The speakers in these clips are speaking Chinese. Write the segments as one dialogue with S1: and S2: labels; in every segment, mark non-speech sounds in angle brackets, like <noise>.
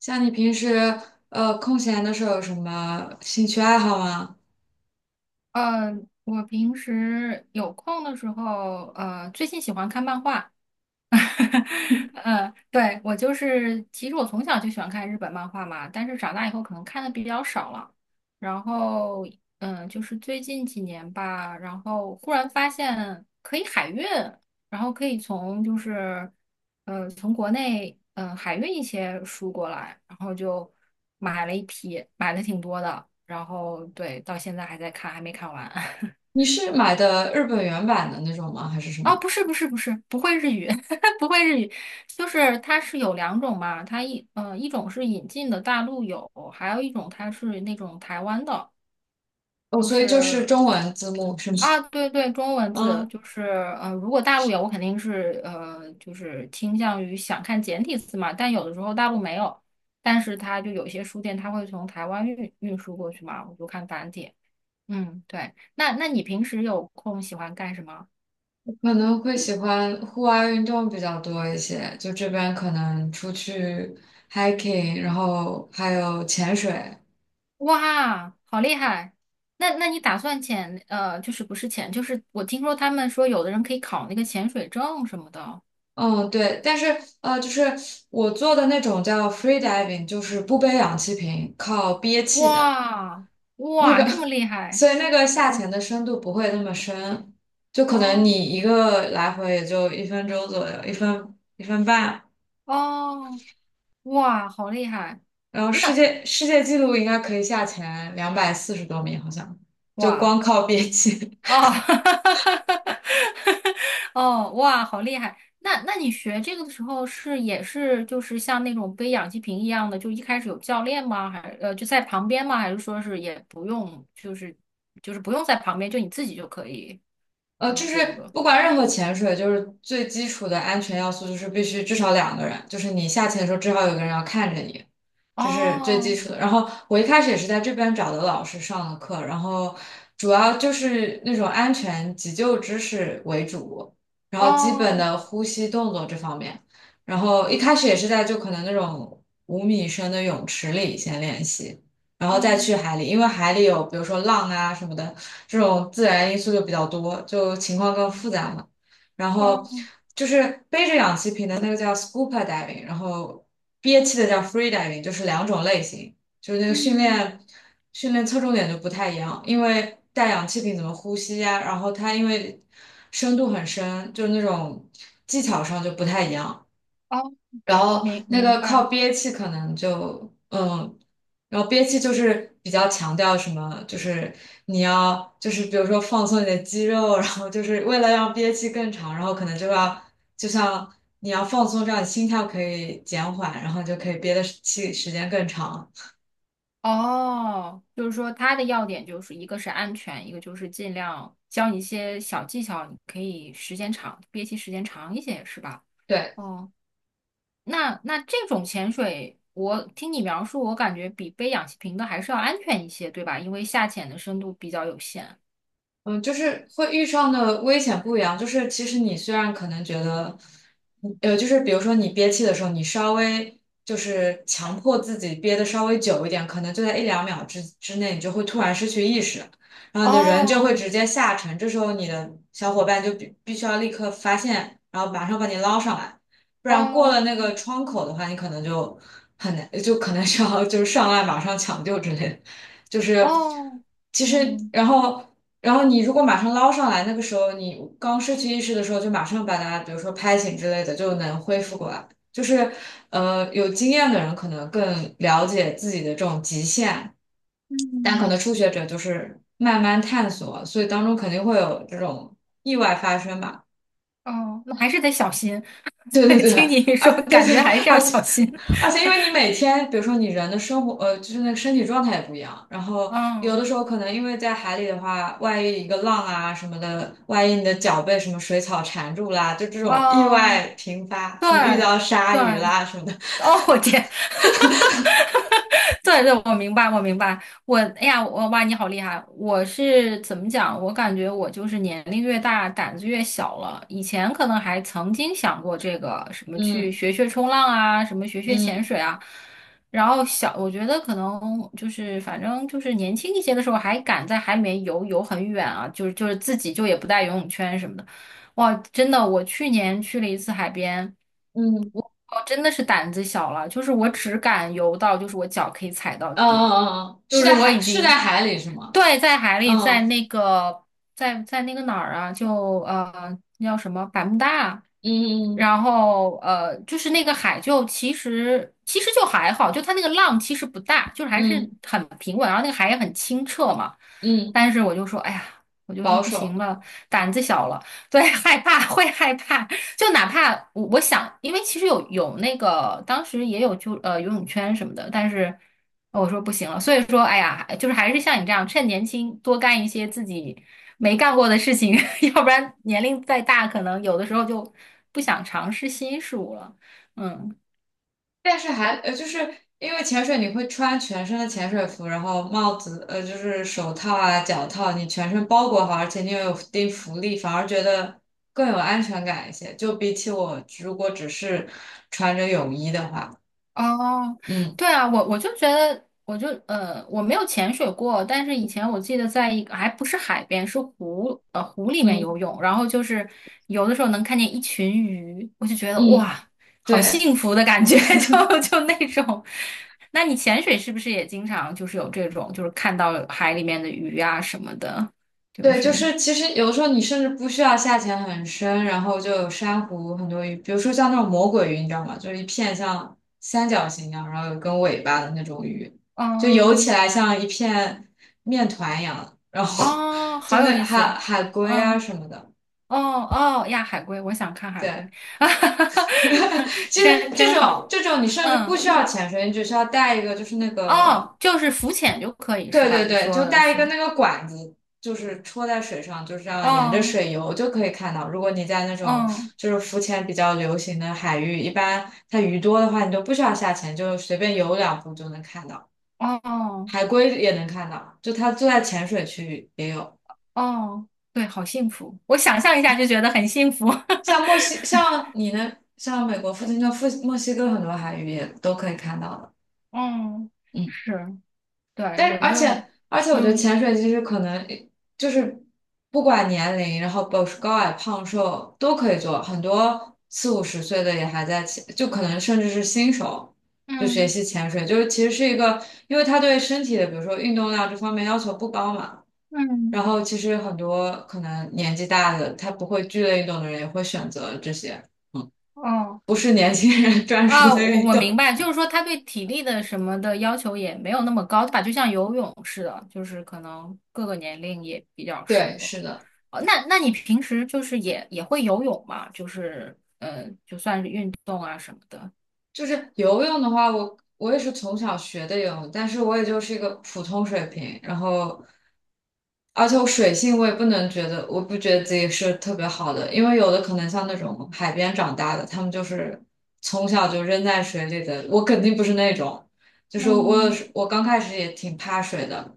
S1: 像你平时空闲的时候有什么兴趣爱好吗？
S2: 呃，我平时有空的时候，最近喜欢看漫画，<laughs> 嗯，对，我就是，其实我从小就喜欢看日本漫画嘛，但是长大以后可能看的比较少了。然后，就是最近几年吧，然后忽然发现可以海运，然后可以从就是，从国内海运一些书过来，然后就买了一批，买了挺多的，然后对，到现在还在看，还没看完。<laughs>
S1: 你是买的日本原版的那种吗？还是什
S2: 哦，
S1: 么？
S2: 不是不是不是，不会日语，<laughs> 不会日语，就是它是有两种嘛，它一种是引进的大陆有，还有一种它是那种台湾的，
S1: 哦，
S2: 就
S1: 所以就是
S2: 是
S1: 中文字幕是吗？
S2: 啊对对，中文字
S1: 嗯，
S2: 就是如果大陆有，我肯定是就是倾向于想看简体字嘛，但有的时候大陆没有，但是它就有些书店它会从台湾运输过去嘛，我就看繁体，嗯对，那你平时有空喜欢干什么？
S1: 我可能会喜欢户外运动比较多一些，就这边可能出去 hiking，然后还有潜水。
S2: 哇，好厉害！那你打算潜就是不是潜，就是我听说他们说有的人可以考那个潜水证什么的。
S1: 嗯，对，但是就是我做的那种叫 free diving，就是不背氧气瓶，靠憋气的。
S2: 哇
S1: 那
S2: 哇，
S1: 个，
S2: 这么
S1: <laughs>
S2: 厉害！
S1: 所以那个下
S2: 哦
S1: 潜的深度不会那么深，就可能你
S2: 哦
S1: 一个来回也就1分钟左右，一分一分半。
S2: 哦，哇，好厉害！
S1: 然后世
S2: 那
S1: 界世界纪录应该可以下潜240多米，好像就
S2: 哇。
S1: 光靠憋气。
S2: 哦，<laughs> 哦，哇，好厉害！那你学这个的时候是也是就是像那种背氧气瓶一样的，就一开始有教练吗？还就在旁边吗？还是说是也不用，就是不用在旁边，就你自己就可以？就
S1: 就
S2: 是
S1: 是
S2: 这个。
S1: 不管任何潜水，就是最基础的安全要素，就是必须至少2个人，就是你下潜的时候至少有个人要看着你，这是最基
S2: 哦
S1: 础的。然后我一开始也是在这边找的老师上的课，然后主要就是那种安全急救知识为主，然后基本
S2: 哦
S1: 的呼吸动作这方面，然后一开始也是在就可能那种5米深的泳池里先练习。然后再去
S2: 哦
S1: 海里，因为海里有比如说浪啊什么的，这种自然因素就比较多，就情况更复杂嘛。然后
S2: 哦，
S1: 就是背着氧气瓶的那个叫 scuba diving，然后憋气的叫 free diving，就是两种类型，就是那个训
S2: 嗯
S1: 练训练侧重点就不太一样，因为带氧气瓶怎么呼吸呀、然后它因为深度很深，就是那种技巧上就不太一样。
S2: 哦，
S1: 然后
S2: 明
S1: 那
S2: 明
S1: 个靠
S2: 白。
S1: 憋气可能就嗯，然后憋气就是比较强调什么，就是你要就是比如说放松你的肌肉，然后就是为了让憋气更长，然后可能就要就像你要放松，这样你心跳可以减缓，然后就可以憋的气时间更长。
S2: 哦，就是说它的要点就是一个是安全，一个就是尽量教你一些小技巧，你可以时间长，憋气时间长一些，是吧？
S1: 对，
S2: 哦，那这种潜水，我听你描述，我感觉比背氧气瓶的还是要安全一些，对吧？因为下潜的深度比较有限。
S1: 嗯，就是会遇上的危险不一样。就是其实你虽然可能觉得，嗯就是比如说你憋气的时候，你稍微就是强迫自己憋的稍微久一点，可能就在一两秒之内，你就会突然失去意识，然后你的人就会
S2: 哦
S1: 直接下沉。这时候你的小伙伴就必须要立刻发现，然后马上把你捞上来，不然过了
S2: 哦
S1: 那个窗口的话，你可能就很难，就可能需要就是上岸马上抢救之类的。就是
S2: 哦，
S1: 其实，
S2: 嗯
S1: 然后。然后你如果马上捞上来，那个时候你刚失去意识的时候，就马上把它，比如说拍醒之类的，就能恢复过来。就是，有经验的人可能更了解自己的这种极限，但可
S2: 嗯
S1: 能初学者就是慢慢探索，所以当中肯定会有这种意外发生吧。
S2: 哦，那还是得小心。
S1: <laughs>
S2: <laughs>
S1: 对对
S2: 对，
S1: 对，
S2: 听你说，
S1: 而对
S2: 感
S1: 对，
S2: 觉还是要
S1: 而
S2: 小
S1: 且
S2: 心。
S1: 而且，因为你每天，比如说你人的生活，就是那个身体状态也不一样。然后有的
S2: 嗯
S1: 时候可能因为在海里的话，万一一个浪啊什么的，万一你的脚被什么水草缠住啦，就这种意
S2: 哦。
S1: 外频发，
S2: 对
S1: 什么遇到鲨
S2: 对，
S1: 鱼啦什么的。
S2: 哦，我天，<laughs> 对对，我明白，我明白，我，哎呀，我哇，你好厉害！我是怎么讲？我感觉我就是年龄越大，胆子越小了。以前可能还曾经想过这个什么去
S1: 嗯
S2: 学学冲浪啊，什么学学潜
S1: 嗯
S2: 水啊。然后我觉得可能就是反正就是年轻一些的时候，还敢在海里面游游很远啊，就是自己就也不带游泳圈什么的。哇，真的，我去年去了一次海边。
S1: 嗯，
S2: 我真的是胆子小了，就是我只敢游到，就是我脚可以踩到
S1: 嗯
S2: 底了，
S1: 嗯嗯，嗯
S2: 就是我已
S1: 是
S2: 经，
S1: 在海里是吗？
S2: 对，在海里，在
S1: 嗯
S2: 那个，在那个哪儿啊，就那叫什么百慕大，
S1: 嗯
S2: 然后就是那个海就其实就还好，就它那个浪其实不大，就是还是
S1: 嗯
S2: 很平稳，然后那个海也很清澈嘛，
S1: 嗯嗯，
S2: 但是我就说，哎呀，我就说
S1: 保
S2: 不行
S1: 守。
S2: 了，胆子小了。对，害怕 <laughs> 会害怕，就哪怕我想，因为其实有那个当时也有就游泳圈什么的，但是我说不行了，所以说哎呀，就是还是像你这样，趁年轻多干一些自己没干过的事情，<laughs> 要不然年龄再大，可能有的时候就不想尝试新事物了。嗯。
S1: 但是还就是因为潜水你会穿全身的潜水服，然后帽子就是手套啊、脚套，你全身包裹好，而且你又有一定浮力，反而觉得更有安全感一些。就比起我如果只是穿着泳衣的话，
S2: 哦，
S1: 嗯
S2: 对啊，我就觉得，我就我没有潜水过，但是以前我记得在一个还不是海边，是湖里面
S1: 嗯
S2: 游泳，然后就是游的时候能看见一群鱼，我就觉得
S1: 嗯，
S2: 哇，好
S1: 对。
S2: 幸福的感觉，<laughs> 就那种。那你潜水是不是也经常就是有这种，就是看到海里面的鱼啊什么的，就
S1: 对，就
S2: 是
S1: 是其实有的时候你甚至不需要下潜很深，然后就有珊瑚很多鱼，比如说像那种魔鬼鱼，你知道吗？就是一片像三角形一样，然后有根尾巴的那种鱼，就游起
S2: 嗯
S1: 来像一片面团一样，然后
S2: 哦，
S1: <laughs> 就
S2: 好有
S1: 那
S2: 意
S1: 海
S2: 思，
S1: 海龟啊
S2: 嗯。
S1: 什么的。
S2: 哦哦呀，海龟，我想看海
S1: 对，
S2: 龟，
S1: <laughs>
S2: <laughs>
S1: 其实
S2: 真
S1: 这
S2: 真
S1: 种
S2: 好。
S1: 这种你甚至不
S2: 嗯，
S1: 需要潜水，你只需要带一个就是那个
S2: 哦，就是浮潜就可以是
S1: 对
S2: 吧？
S1: 对
S2: 你
S1: 对，
S2: 说
S1: 就
S2: 的
S1: 带一
S2: 是，
S1: 个那个管子，就是戳在水上，就这样沿着
S2: 哦，
S1: 水游就可以看到。如果你在那种
S2: 嗯，
S1: 就是浮潜比较流行的海域，一般它鱼多的话，你就不需要下潜，就随便游两步就能看到。
S2: 哦
S1: 海龟也能看到，就它就在浅水区域也有。
S2: 哦，对，好幸福，我想象一下就觉得很幸福。<laughs>
S1: 像墨西，像你呢，像美国附近的墨西哥很多海域也都可以看到的。
S2: 嗯，
S1: 嗯。
S2: 是，对，我
S1: 而
S2: 就，
S1: 且而且，我觉得
S2: 嗯
S1: 潜水其实可能就是不管年龄，然后保持高矮胖瘦都可以做，很多四五十岁的也还在潜，就可能甚至是新手就学
S2: 嗯
S1: 习潜水，就是其实是一个，因为它对身体的，比如说运动量这方面要求不高嘛。
S2: 嗯，
S1: 然后其实很多可能年纪大的，他不会剧烈运动的人也会选择这些，
S2: 哦。
S1: 不是年轻人 <laughs> 专属
S2: 啊，
S1: 的
S2: 我
S1: 运
S2: 我明
S1: 动。
S2: 白，就是说他对体力的什么的要求也没有那么高，对吧？就像游泳似的，就是可能各个年龄也比较
S1: <laughs>
S2: 适
S1: 对，
S2: 合。
S1: 是的。
S2: 哦，那你平时就是也会游泳嘛？就是就算是运动啊什么的。
S1: 就是游泳的话，我也是从小学的游泳，但是我也就是一个普通水平。然后，而且我水性我也不能觉得，我不觉得自己是特别好的，因为有的可能像那种海边长大的，他们就是从小就扔在水里的，我肯定不是那种。就是我有
S2: 嗯
S1: 时我刚开始也挺怕水的，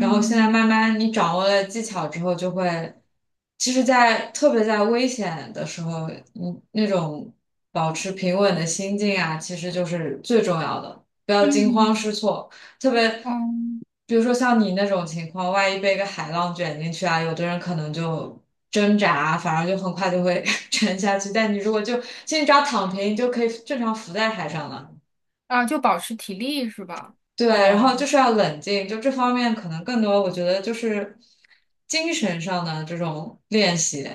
S1: 然后现在慢慢你掌握了技巧之后，就会，其实在，特别在危险的时候，你那种保持平稳的心境啊，其实就是最重要的，不要惊慌
S2: 嗯
S1: 失措。特别，
S2: 嗯，
S1: 比如说像你那种情况，万一被一个海浪卷进去啊，有的人可能就挣扎，反而就很快就会 <laughs> 沉下去。但你如果就，其实你只要躺平，你就可以正常浮在海上了。
S2: 啊，就保持体力是吧？
S1: 对，然后就
S2: 哦。
S1: 是要冷静，就这方面可能更多，我觉得就是精神上的这种练习。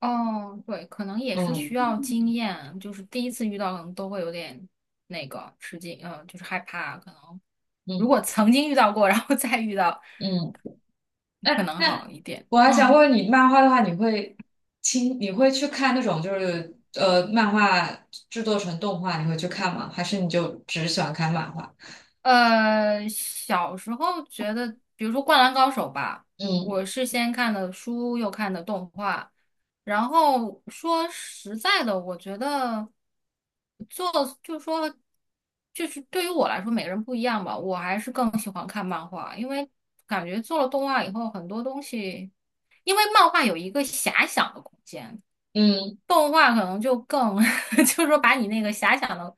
S2: 哦，对，可能也是需
S1: 嗯
S2: 要经验，就是第一次遇到可能都会有点那个吃惊，就是害怕。可能如
S1: 嗯
S2: 果曾经遇到过，<laughs> 然后再遇到，
S1: 嗯，
S2: 可
S1: 哎，
S2: 能
S1: 那
S2: 好一点。
S1: 我还想问
S2: 嗯。
S1: 问你，漫画的话，你会你会去看那种就是漫画制作成动画，你会去看吗？还是你就只喜欢看漫画？
S2: 小时候觉得，比如说《灌篮高手》吧，
S1: 嗯
S2: 我是先看的书，又看的动画。然后说实在的，我觉得做就是说，就是对于我来说，每个人不一样吧。我还是更喜欢看漫画，因为感觉做了动画以后，很多东西，因为漫画有一个遐想的空间。
S1: 嗯
S2: 动画可能就更，<laughs> 就是说把你那个遐想的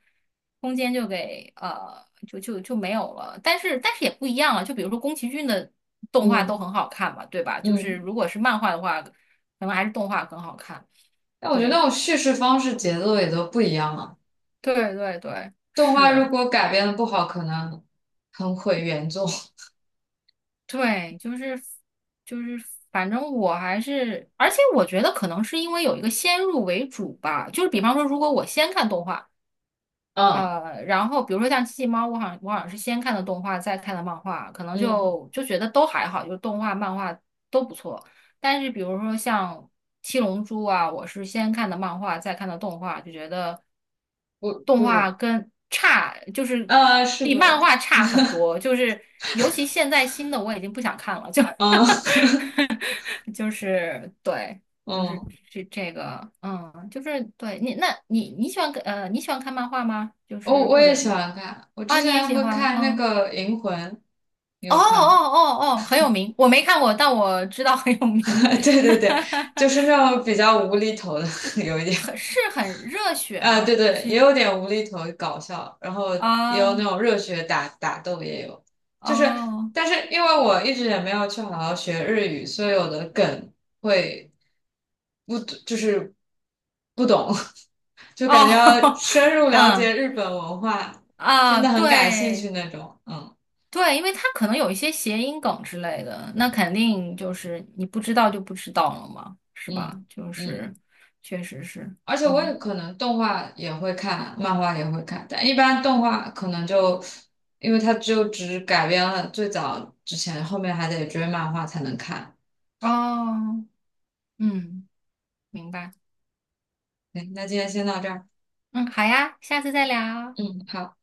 S2: 空间就给就没有了。但是也不一样了，就比如说宫崎骏的动画都
S1: 嗯
S2: 很好看嘛，对吧？就是
S1: 嗯。
S2: 如果是漫画的话，可能还是动画更好看。
S1: 那我觉得
S2: 对
S1: 那种叙事方式、节奏也都不一样啊。
S2: 对对对，
S1: 动画如
S2: 是，
S1: 果改编的不好，可能很毁原作。<laughs>
S2: 对，就是，反正我还是，而且我觉得可能是因为有一个先入为主吧，就是比方说，如果我先看动画。
S1: 嗯
S2: 然后比如说像《机器猫》，我好像是先看的动画，再看的漫画，可能
S1: 嗯。
S2: 就觉得都还好，就是动画、漫画都不错。但是比如说像《七龙珠》啊，我是先看的漫画，再看的动画，就觉得动
S1: 不
S2: 画
S1: 如，
S2: 跟差，就是
S1: 啊，是
S2: 比
S1: 鬼
S2: 漫画差很多。就是尤其现在新的，我已经不想看了，就
S1: 啊，<laughs> 嗯
S2: <laughs> <laughs> 就是对，就是
S1: 嗯，
S2: 这个，嗯，就是对你，那你喜欢看你喜欢看漫画吗？就
S1: 我
S2: 是
S1: 我
S2: 或
S1: 也
S2: 者
S1: 喜欢看，我
S2: 啊，
S1: 之
S2: 你也
S1: 前
S2: 喜
S1: 会
S2: 欢，
S1: 看那
S2: 嗯，
S1: 个《银魂》，你
S2: 哦哦
S1: 有看吗
S2: 哦哦，很有名，我没看过，但我知道很有名，
S1: <laughs> 对对对，就是
S2: <laughs>
S1: 那种比较无厘头的，<laughs> 有一点，
S2: 很是很热血
S1: 啊、对
S2: 吗？
S1: 对，也
S2: 去
S1: 有点无厘头搞笑，然后也
S2: 啊
S1: 有那
S2: 哦
S1: 种热血打斗也有，就是，
S2: 哦，
S1: 但是因为我一直也没有去好好学日语，所以有的梗会不就是不懂，<laughs>
S2: <laughs>
S1: 就感觉要
S2: 哦
S1: 深入了
S2: 嗯
S1: 解日本文化，真
S2: 啊，
S1: 的很感兴趣
S2: 对
S1: 那种。嗯
S2: 对，因为它可能有一些谐音梗之类的，那肯定就是你不知道就不知道了嘛，是
S1: 嗯
S2: 吧？就
S1: 嗯，
S2: 是，确实是，
S1: 而且我也
S2: 嗯，
S1: 可能动画也会看，漫画也会看，但一般动画可能就因为它就只改编了最早之前，后面还得追漫画才能看。
S2: 哦，嗯，明白，
S1: 对，那今天先到这儿。
S2: 嗯，好呀，下次再聊。
S1: 嗯，好。